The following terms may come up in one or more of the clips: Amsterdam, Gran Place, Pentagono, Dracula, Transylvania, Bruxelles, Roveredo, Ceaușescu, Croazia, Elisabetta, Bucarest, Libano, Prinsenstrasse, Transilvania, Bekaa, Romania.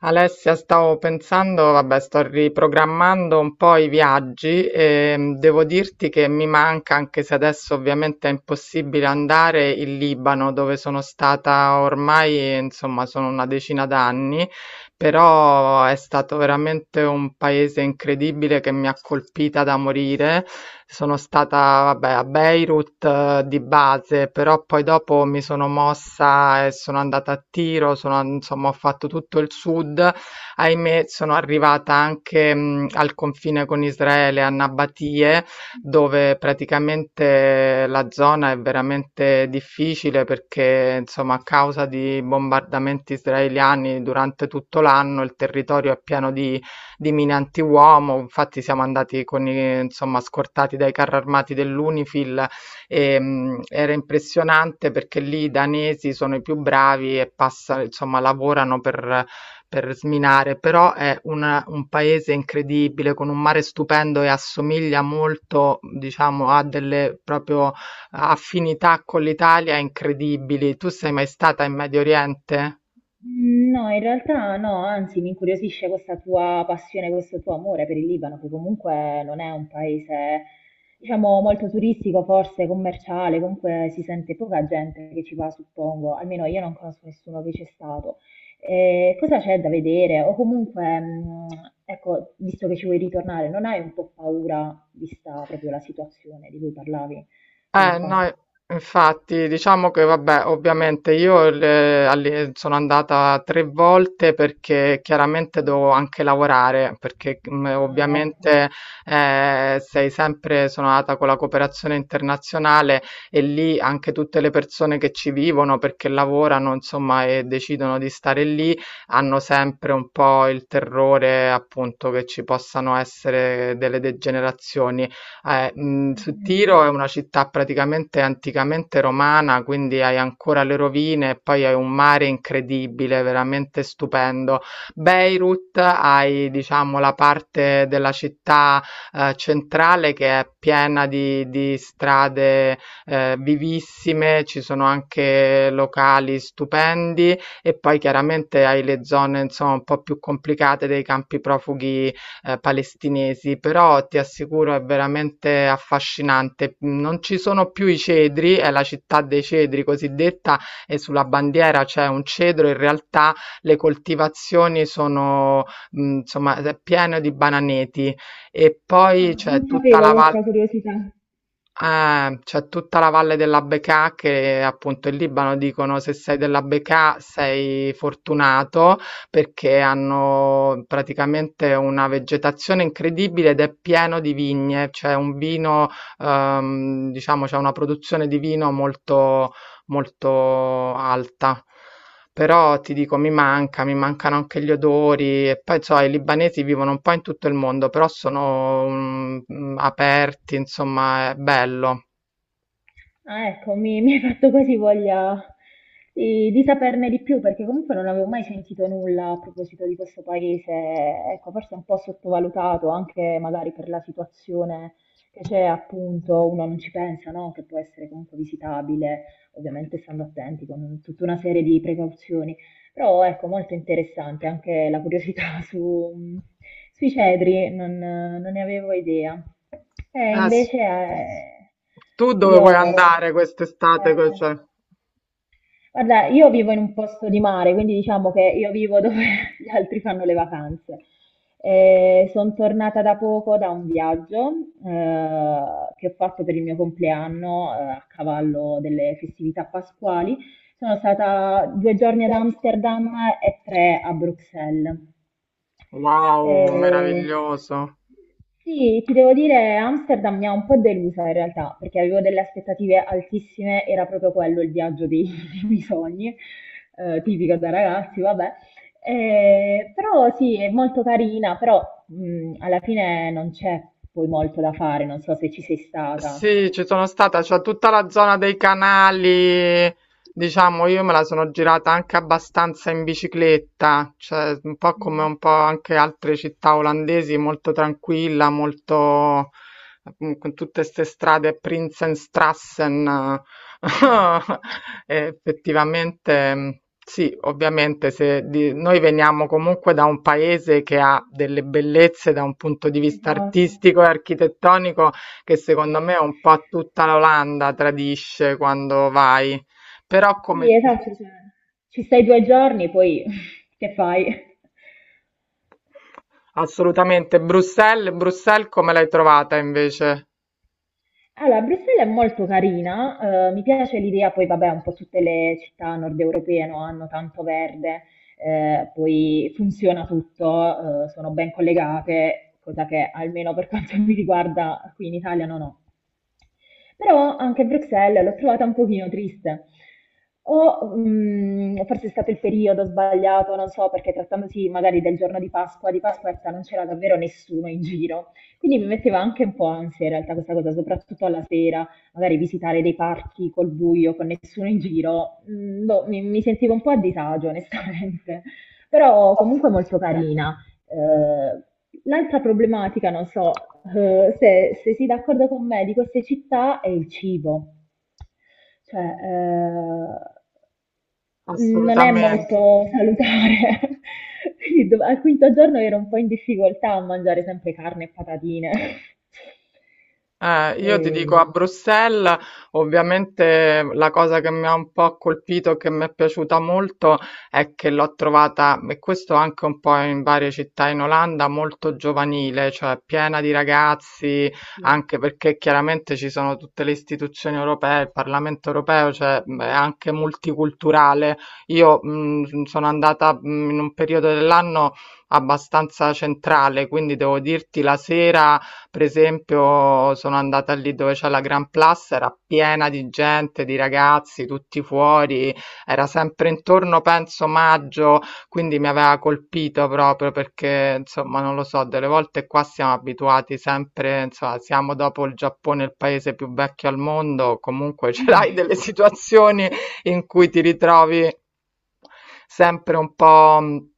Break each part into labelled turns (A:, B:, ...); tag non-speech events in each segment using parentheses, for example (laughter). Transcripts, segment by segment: A: Alessia, stavo pensando, vabbè, sto riprogrammando un po' i viaggi e devo dirti che mi manca, anche se adesso ovviamente è impossibile andare, il Libano, dove sono stata ormai, insomma, sono una decina d'anni però è stato veramente un paese incredibile che mi ha colpita da morire. Sono stata, vabbè, a Beirut di base, però poi dopo mi sono mossa e sono andata a Tiro, sono, insomma, ho fatto tutto il sud. Ahimè, sono arrivata anche al confine con Israele, a Nabatie dove praticamente la zona è veramente difficile perché, insomma, a causa di bombardamenti israeliani durante tutto l'anno il territorio è pieno di mine antiuomo. Infatti siamo andati con insomma, scortati dai carri armati dell'Unifil e era impressionante perché lì i danesi sono i più bravi e passa, insomma, lavorano per sminare, però è un paese incredibile con un mare stupendo e assomiglia molto, diciamo, a delle proprio affinità con l'Italia incredibili. Tu sei mai stata in Medio Oriente?
B: No, in realtà no, anzi mi incuriosisce questa tua passione, questo tuo amore per il Libano, che comunque non è un paese, diciamo, molto turistico, forse commerciale, comunque si sente poca gente che ci va, suppongo, almeno io non conosco nessuno che c'è stato. Cosa c'è da vedere? O comunque, ecco, visto che ci vuoi ritornare, non hai un po' paura, vista proprio la situazione di cui parlavi poco fa?
A: No, infatti, diciamo che vabbè, ovviamente io sono andata 3 volte perché chiaramente devo anche lavorare, perché
B: Ah, ecco.
A: ovviamente sei sempre, sono andata con la cooperazione internazionale e lì anche tutte le persone che ci vivono perché lavorano, insomma, e decidono di stare lì, hanno sempre un po' il terrore appunto che ci possano essere delle degenerazioni. Su Tiro è una città praticamente anticamente romana, quindi hai ancora le rovine e poi hai un mare incredibile, veramente stupendo. Beirut hai, diciamo, la parte della città, centrale che è piena di strade, vivissime, ci sono anche locali stupendi e poi chiaramente hai le zone, insomma, un po' più complicate dei campi profughi palestinesi, però ti assicuro è veramente affascinante. Non ci sono più i cedri, è la città dei cedri cosiddetta, e sulla bandiera c'è un cedro, in realtà le coltivazioni sono, insomma, è pieno di bananeti e
B: Ah,
A: poi c'è
B: non
A: tutta la
B: sapevo
A: valle.
B: questa curiosità.
A: C'è tutta la valle della Bekaa che appunto in Libano dicono se sei della Bekaa sei fortunato perché hanno praticamente una vegetazione incredibile ed è pieno di vigne, c'è un vino, diciamo, c'è una produzione di vino molto alta. Però ti dico, mi manca, mi mancano anche gli odori e poi so, i libanesi vivono un po' in tutto il mondo, però sono aperti, insomma, è bello.
B: Ah, ecco, mi hai fatto quasi voglia di saperne di più, perché comunque non avevo mai sentito nulla a proposito di questo paese. Ecco, forse un po' sottovalutato, anche magari per la situazione che c'è, appunto, uno non ci pensa, no? Che può essere comunque visitabile, ovviamente stando attenti con tutta una serie di precauzioni. Però ecco, molto interessante anche la curiosità (laughs) sui cedri, non ne avevo idea. E
A: Eh, s-
B: invece
A: tu dove vuoi
B: io... sono-
A: andare
B: eh,
A: quest'estate? Cioè,
B: guarda, io vivo in un posto di mare, quindi diciamo che io vivo dove (laughs) gli altri fanno le vacanze. Sono tornata da poco da un viaggio eh, che ho fatto per il mio compleanno, a cavallo delle festività pasquali. Sono stata 2 giorni ad Amsterdam e 3 a Bruxelles.
A: wow,
B: Eh,
A: meraviglioso.
B: sì, ti devo dire, Amsterdam mi ha un po' delusa in realtà, perché avevo delle aspettative altissime, era proprio quello il viaggio (laughs) dei miei sogni, tipico da ragazzi, vabbè. Però sì, è molto carina, però alla fine non c'è poi molto da fare, non so se ci sei stata.
A: Sì, ci sono stata, c'è tutta la zona dei canali, diciamo, io me la sono girata anche abbastanza in bicicletta, cioè un po' come
B: Mm.
A: un po' anche altre città olandesi, molto tranquilla, molto con tutte queste strade Prinsenstrassen. (laughs) E effettivamente sì, ovviamente se di- noi veniamo comunque da un paese che ha delle bellezze da un punto di vista
B: Esatto.
A: artistico e architettonico che secondo me un po' tutta l'Olanda tradisce quando vai. Però
B: Sì,
A: come
B: esatto, cioè, ci stai 2 giorni, poi (laughs) che fai?
A: assolutamente Bruxelles, Bruxelles come l'hai trovata invece?
B: Allora, Bruxelles è molto carina, mi piace l'idea, poi vabbè, un po' tutte le città nord europee no, hanno tanto verde, poi funziona tutto, sono ben collegate, cosa che almeno per (laughs) quanto mi riguarda qui in Italia non ho. Però anche Bruxelles l'ho trovata un pochino triste. Forse è stato il periodo sbagliato, non so, perché trattandosi magari del giorno di Pasqua, di Pasquetta non c'era davvero nessuno in giro. Quindi mi metteva anche un po' ansia in realtà questa cosa, soprattutto alla sera, magari visitare dei parchi col buio, con nessuno in giro. Mm, boh, mi sentivo un po' a disagio, onestamente. Però comunque molto, beh, carina. Eh, L'altra problematica, non so, se sei d'accordo con me, di queste città è il cibo. Cioè, non è
A: Assolutamente.
B: molto salutare. (laughs) Quindi al quinto giorno ero un po' in difficoltà a mangiare sempre carne e patatine. (laughs)
A: Io ti dico
B: Eh,
A: a Bruxelles, ovviamente la cosa che mi ha un po' colpito e che mi è piaciuta molto è che l'ho trovata, e questo anche un po' in varie città in Olanda, molto giovanile, cioè piena di ragazzi,
B: sì.
A: anche perché chiaramente ci sono tutte le istituzioni europee, il Parlamento europeo, cioè è anche multiculturale. Io sono andata in un periodo dell'anno abbastanza centrale, quindi devo dirti la sera. Per esempio, sono andata lì dove c'è la Gran Place, era piena di gente, di ragazzi, tutti fuori, era sempre intorno, penso, maggio, quindi mi aveva colpito proprio perché, insomma, non lo so, delle volte qua siamo abituati sempre, insomma, siamo dopo il Giappone il paese più vecchio al mondo, comunque (laughs) ce l'hai delle
B: (laughs)
A: situazioni in cui ti ritrovi sempre un po'...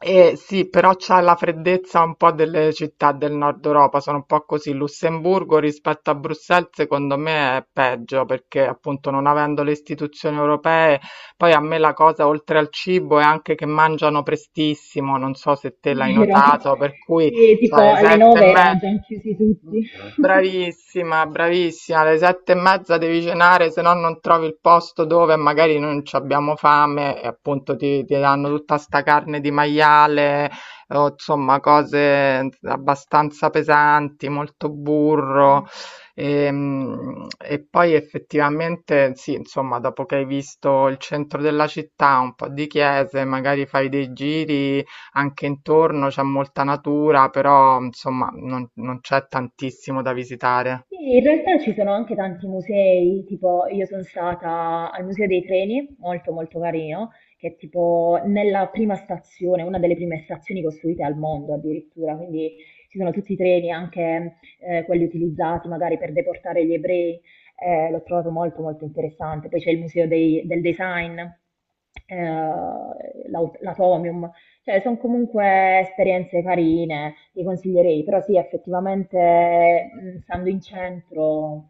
A: E sì, però c'ha la freddezza un po' delle città del nord Europa, sono un po' così. Lussemburgo rispetto a Bruxelles, secondo me è peggio perché appunto non avendo le istituzioni europee, poi a me la cosa oltre al cibo è anche che mangiano prestissimo, non so se te l'hai
B: Vero.
A: notato, per cui
B: Sì,
A: cioè,
B: tipo
A: le
B: alle
A: sette e
B: nove erano
A: mezza.
B: già chiusi
A: Mh,
B: tutti. (laughs)
A: Bravissima, bravissima. Alle 7 e mezza devi cenare, se no non trovi il posto dove magari non c'abbiamo fame e appunto ti danno tutta sta carne di maiale, o insomma cose abbastanza pesanti, molto burro.
B: Mm.
A: E, poi effettivamente sì, insomma, dopo che hai visto il centro della città, un po' di chiese, magari fai dei giri anche intorno c'è molta natura, però insomma non c'è tantissimo da visitare.
B: Sì, in realtà ci sono anche tanti musei, tipo io sono stata al Museo dei Treni, molto molto carino, che è tipo nella prima stazione, una delle prime stazioni costruite al mondo addirittura, quindi ci sono tutti i treni, anche quelli utilizzati magari per deportare gli ebrei, l'ho trovato molto molto interessante. Poi c'è il Museo del Design, eh, l'Atomium, cioè, sono comunque esperienze carine, ti consiglierei, però sì, effettivamente, stando in centro,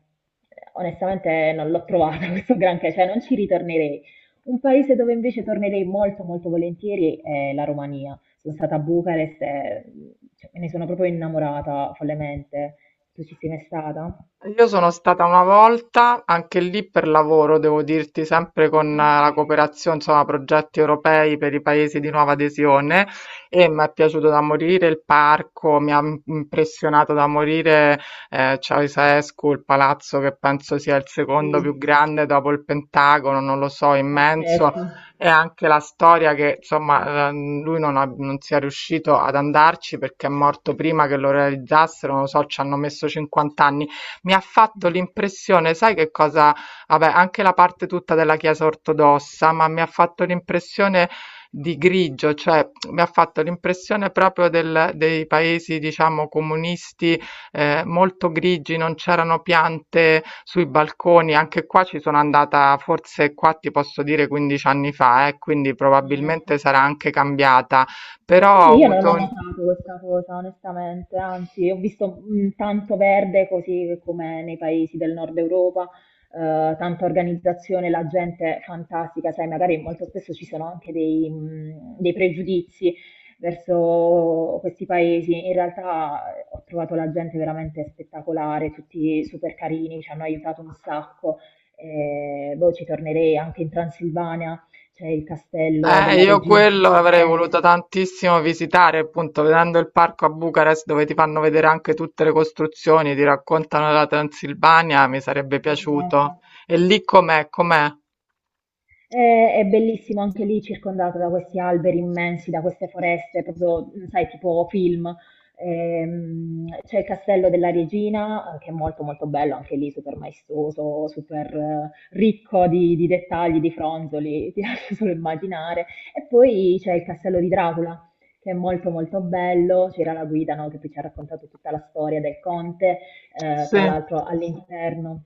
B: onestamente non l'ho trovata (laughs) questo granché, cioè non ci ritornerei. Un paese dove invece tornerei molto molto volentieri è la Romania. Sono stata a Bucarest e, cioè, me ne sono proprio innamorata follemente. Tu ci sei mai stata?
A: Io sono stata una volta, anche lì per lavoro, devo dirti, sempre con
B: Ah,
A: la cooperazione, insomma, progetti europei per i paesi di nuova adesione e mi è piaciuto da morire il parco, impressionato da morire Ceausescu, il palazzo che penso sia il secondo più
B: sì,
A: grande dopo il Pentagono, non lo so, immenso.
B: pazzesco.
A: E anche la storia che, insomma, lui non, ha- non sia riuscito ad andarci perché è morto prima che lo realizzassero, non lo so, ci hanno messo 50 anni mi ha fatto l'impressione, sai che cosa? Vabbè, anche la parte tutta della Chiesa ortodossa, ma mi ha fatto l'impressione di grigio, cioè mi ha fatto l'impressione proprio dei paesi, diciamo, comunisti molto grigi, non c'erano piante sui balconi. Anche qua ci sono andata, forse qua ti posso dire 15 anni fa, quindi
B: Eh,
A: probabilmente sarà anche cambiata, però ho
B: Sì, io non
A: avuto
B: ho
A: un-
B: notato questa cosa, onestamente, anzi, ho visto, tanto verde così come nei paesi del nord Europa, tanta organizzazione, la gente fantastica, sai, magari molto spesso ci sono anche dei pregiudizi verso questi paesi. In realtà, ho trovato la gente veramente spettacolare, tutti super carini, ci hanno aiutato un sacco. Boh, ci tornerei anche in Transilvania, c'è il castello della
A: Io
B: regina (laughs)
A: quello avrei
B: Elisabetta.
A: voluto tantissimo visitare, appunto, vedendo il parco a Bucarest dove ti fanno vedere anche tutte le costruzioni, ti raccontano della Transilvania, mi sarebbe
B: Esatto.
A: piaciuto. E lì com'è? Com'è?
B: È bellissimo anche lì, circondato da questi alberi immensi, da queste foreste, proprio, mm, sai, tipo film. C'è il castello della regina, che è molto molto bello, anche lì super maestoso, super, ricco di dettagli, di fronzoli, (laughs) ti lascio solo immaginare. E poi c'è il castello di Dracula, che è molto molto bello, c'era la guida, no, che poi ci ha raccontato tutta la storia del conte,
A: Sì,
B: tra l'altro all'interno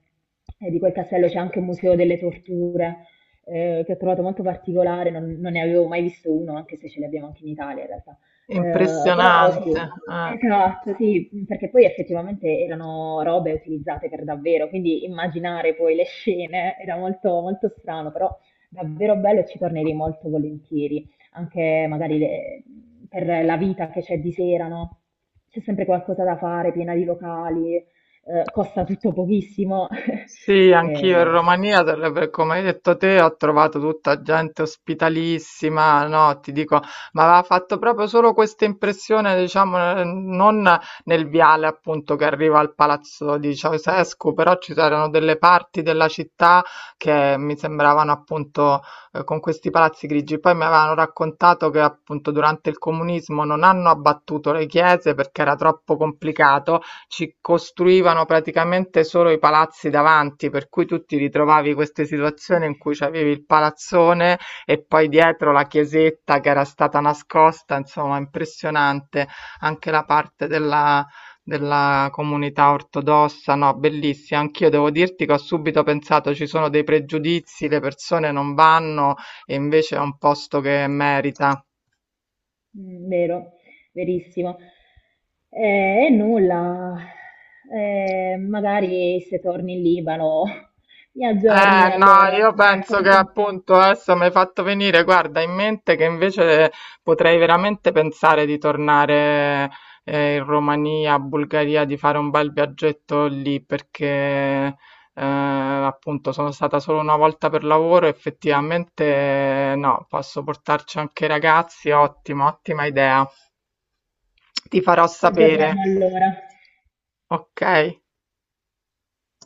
B: di quel castello c'è anche un museo delle torture, che ho trovato molto particolare, non ne avevo mai visto uno, anche se ce li abbiamo anche in Italia in realtà. Però
A: impressionante.
B: sì,
A: Eh.
B: esatto, sì, perché poi effettivamente erano robe utilizzate per davvero, quindi immaginare poi le scene era molto, molto strano, però davvero bello e ci tornerei molto volentieri, anche magari per la vita che c'è di sera, no? C'è sempre qualcosa da fare, piena di locali, costa tutto pochissimo. (laughs)
A: Sì, anch'io in
B: Eh,
A: Romania, come hai detto te, ho trovato tutta gente ospitalissima, no, ti dico, ma aveva fatto proprio solo questa impressione, diciamo, non nel viale appunto che arriva al palazzo di Ceausescu, però ci erano delle parti della città che mi sembravano appunto con questi palazzi grigi. Poi mi avevano raccontato che appunto durante il comunismo non hanno abbattuto le chiese perché era troppo complicato ci costruivano praticamente solo i palazzi davanti, per cui tu ti ritrovavi queste situazioni in cui c'avevi il palazzone e poi dietro la chiesetta che era stata nascosta, insomma, impressionante anche la parte della comunità ortodossa, no, bellissima. Anch'io devo dirti che ho subito pensato ci sono dei pregiudizi, le persone non vanno e invece è un posto che merita.
B: mm, vero, verissimo. E nulla. Magari se torni in Libano (laughs) mi aggiorni
A: No,
B: allora,
A: io
B: mi
A: penso che
B: racconti un po'.
A: appunto adesso mi hai fatto venire, guarda, in mente che invece potrei veramente pensare di tornare in Romania, Bulgaria, di fare un bel viaggetto lì perché appunto sono stata solo una volta per lavoro, effettivamente no, posso portarci anche i ragazzi, ottima, ottima idea. Ti farò
B: Ci aggiorniamo
A: sapere,
B: allora.
A: ok?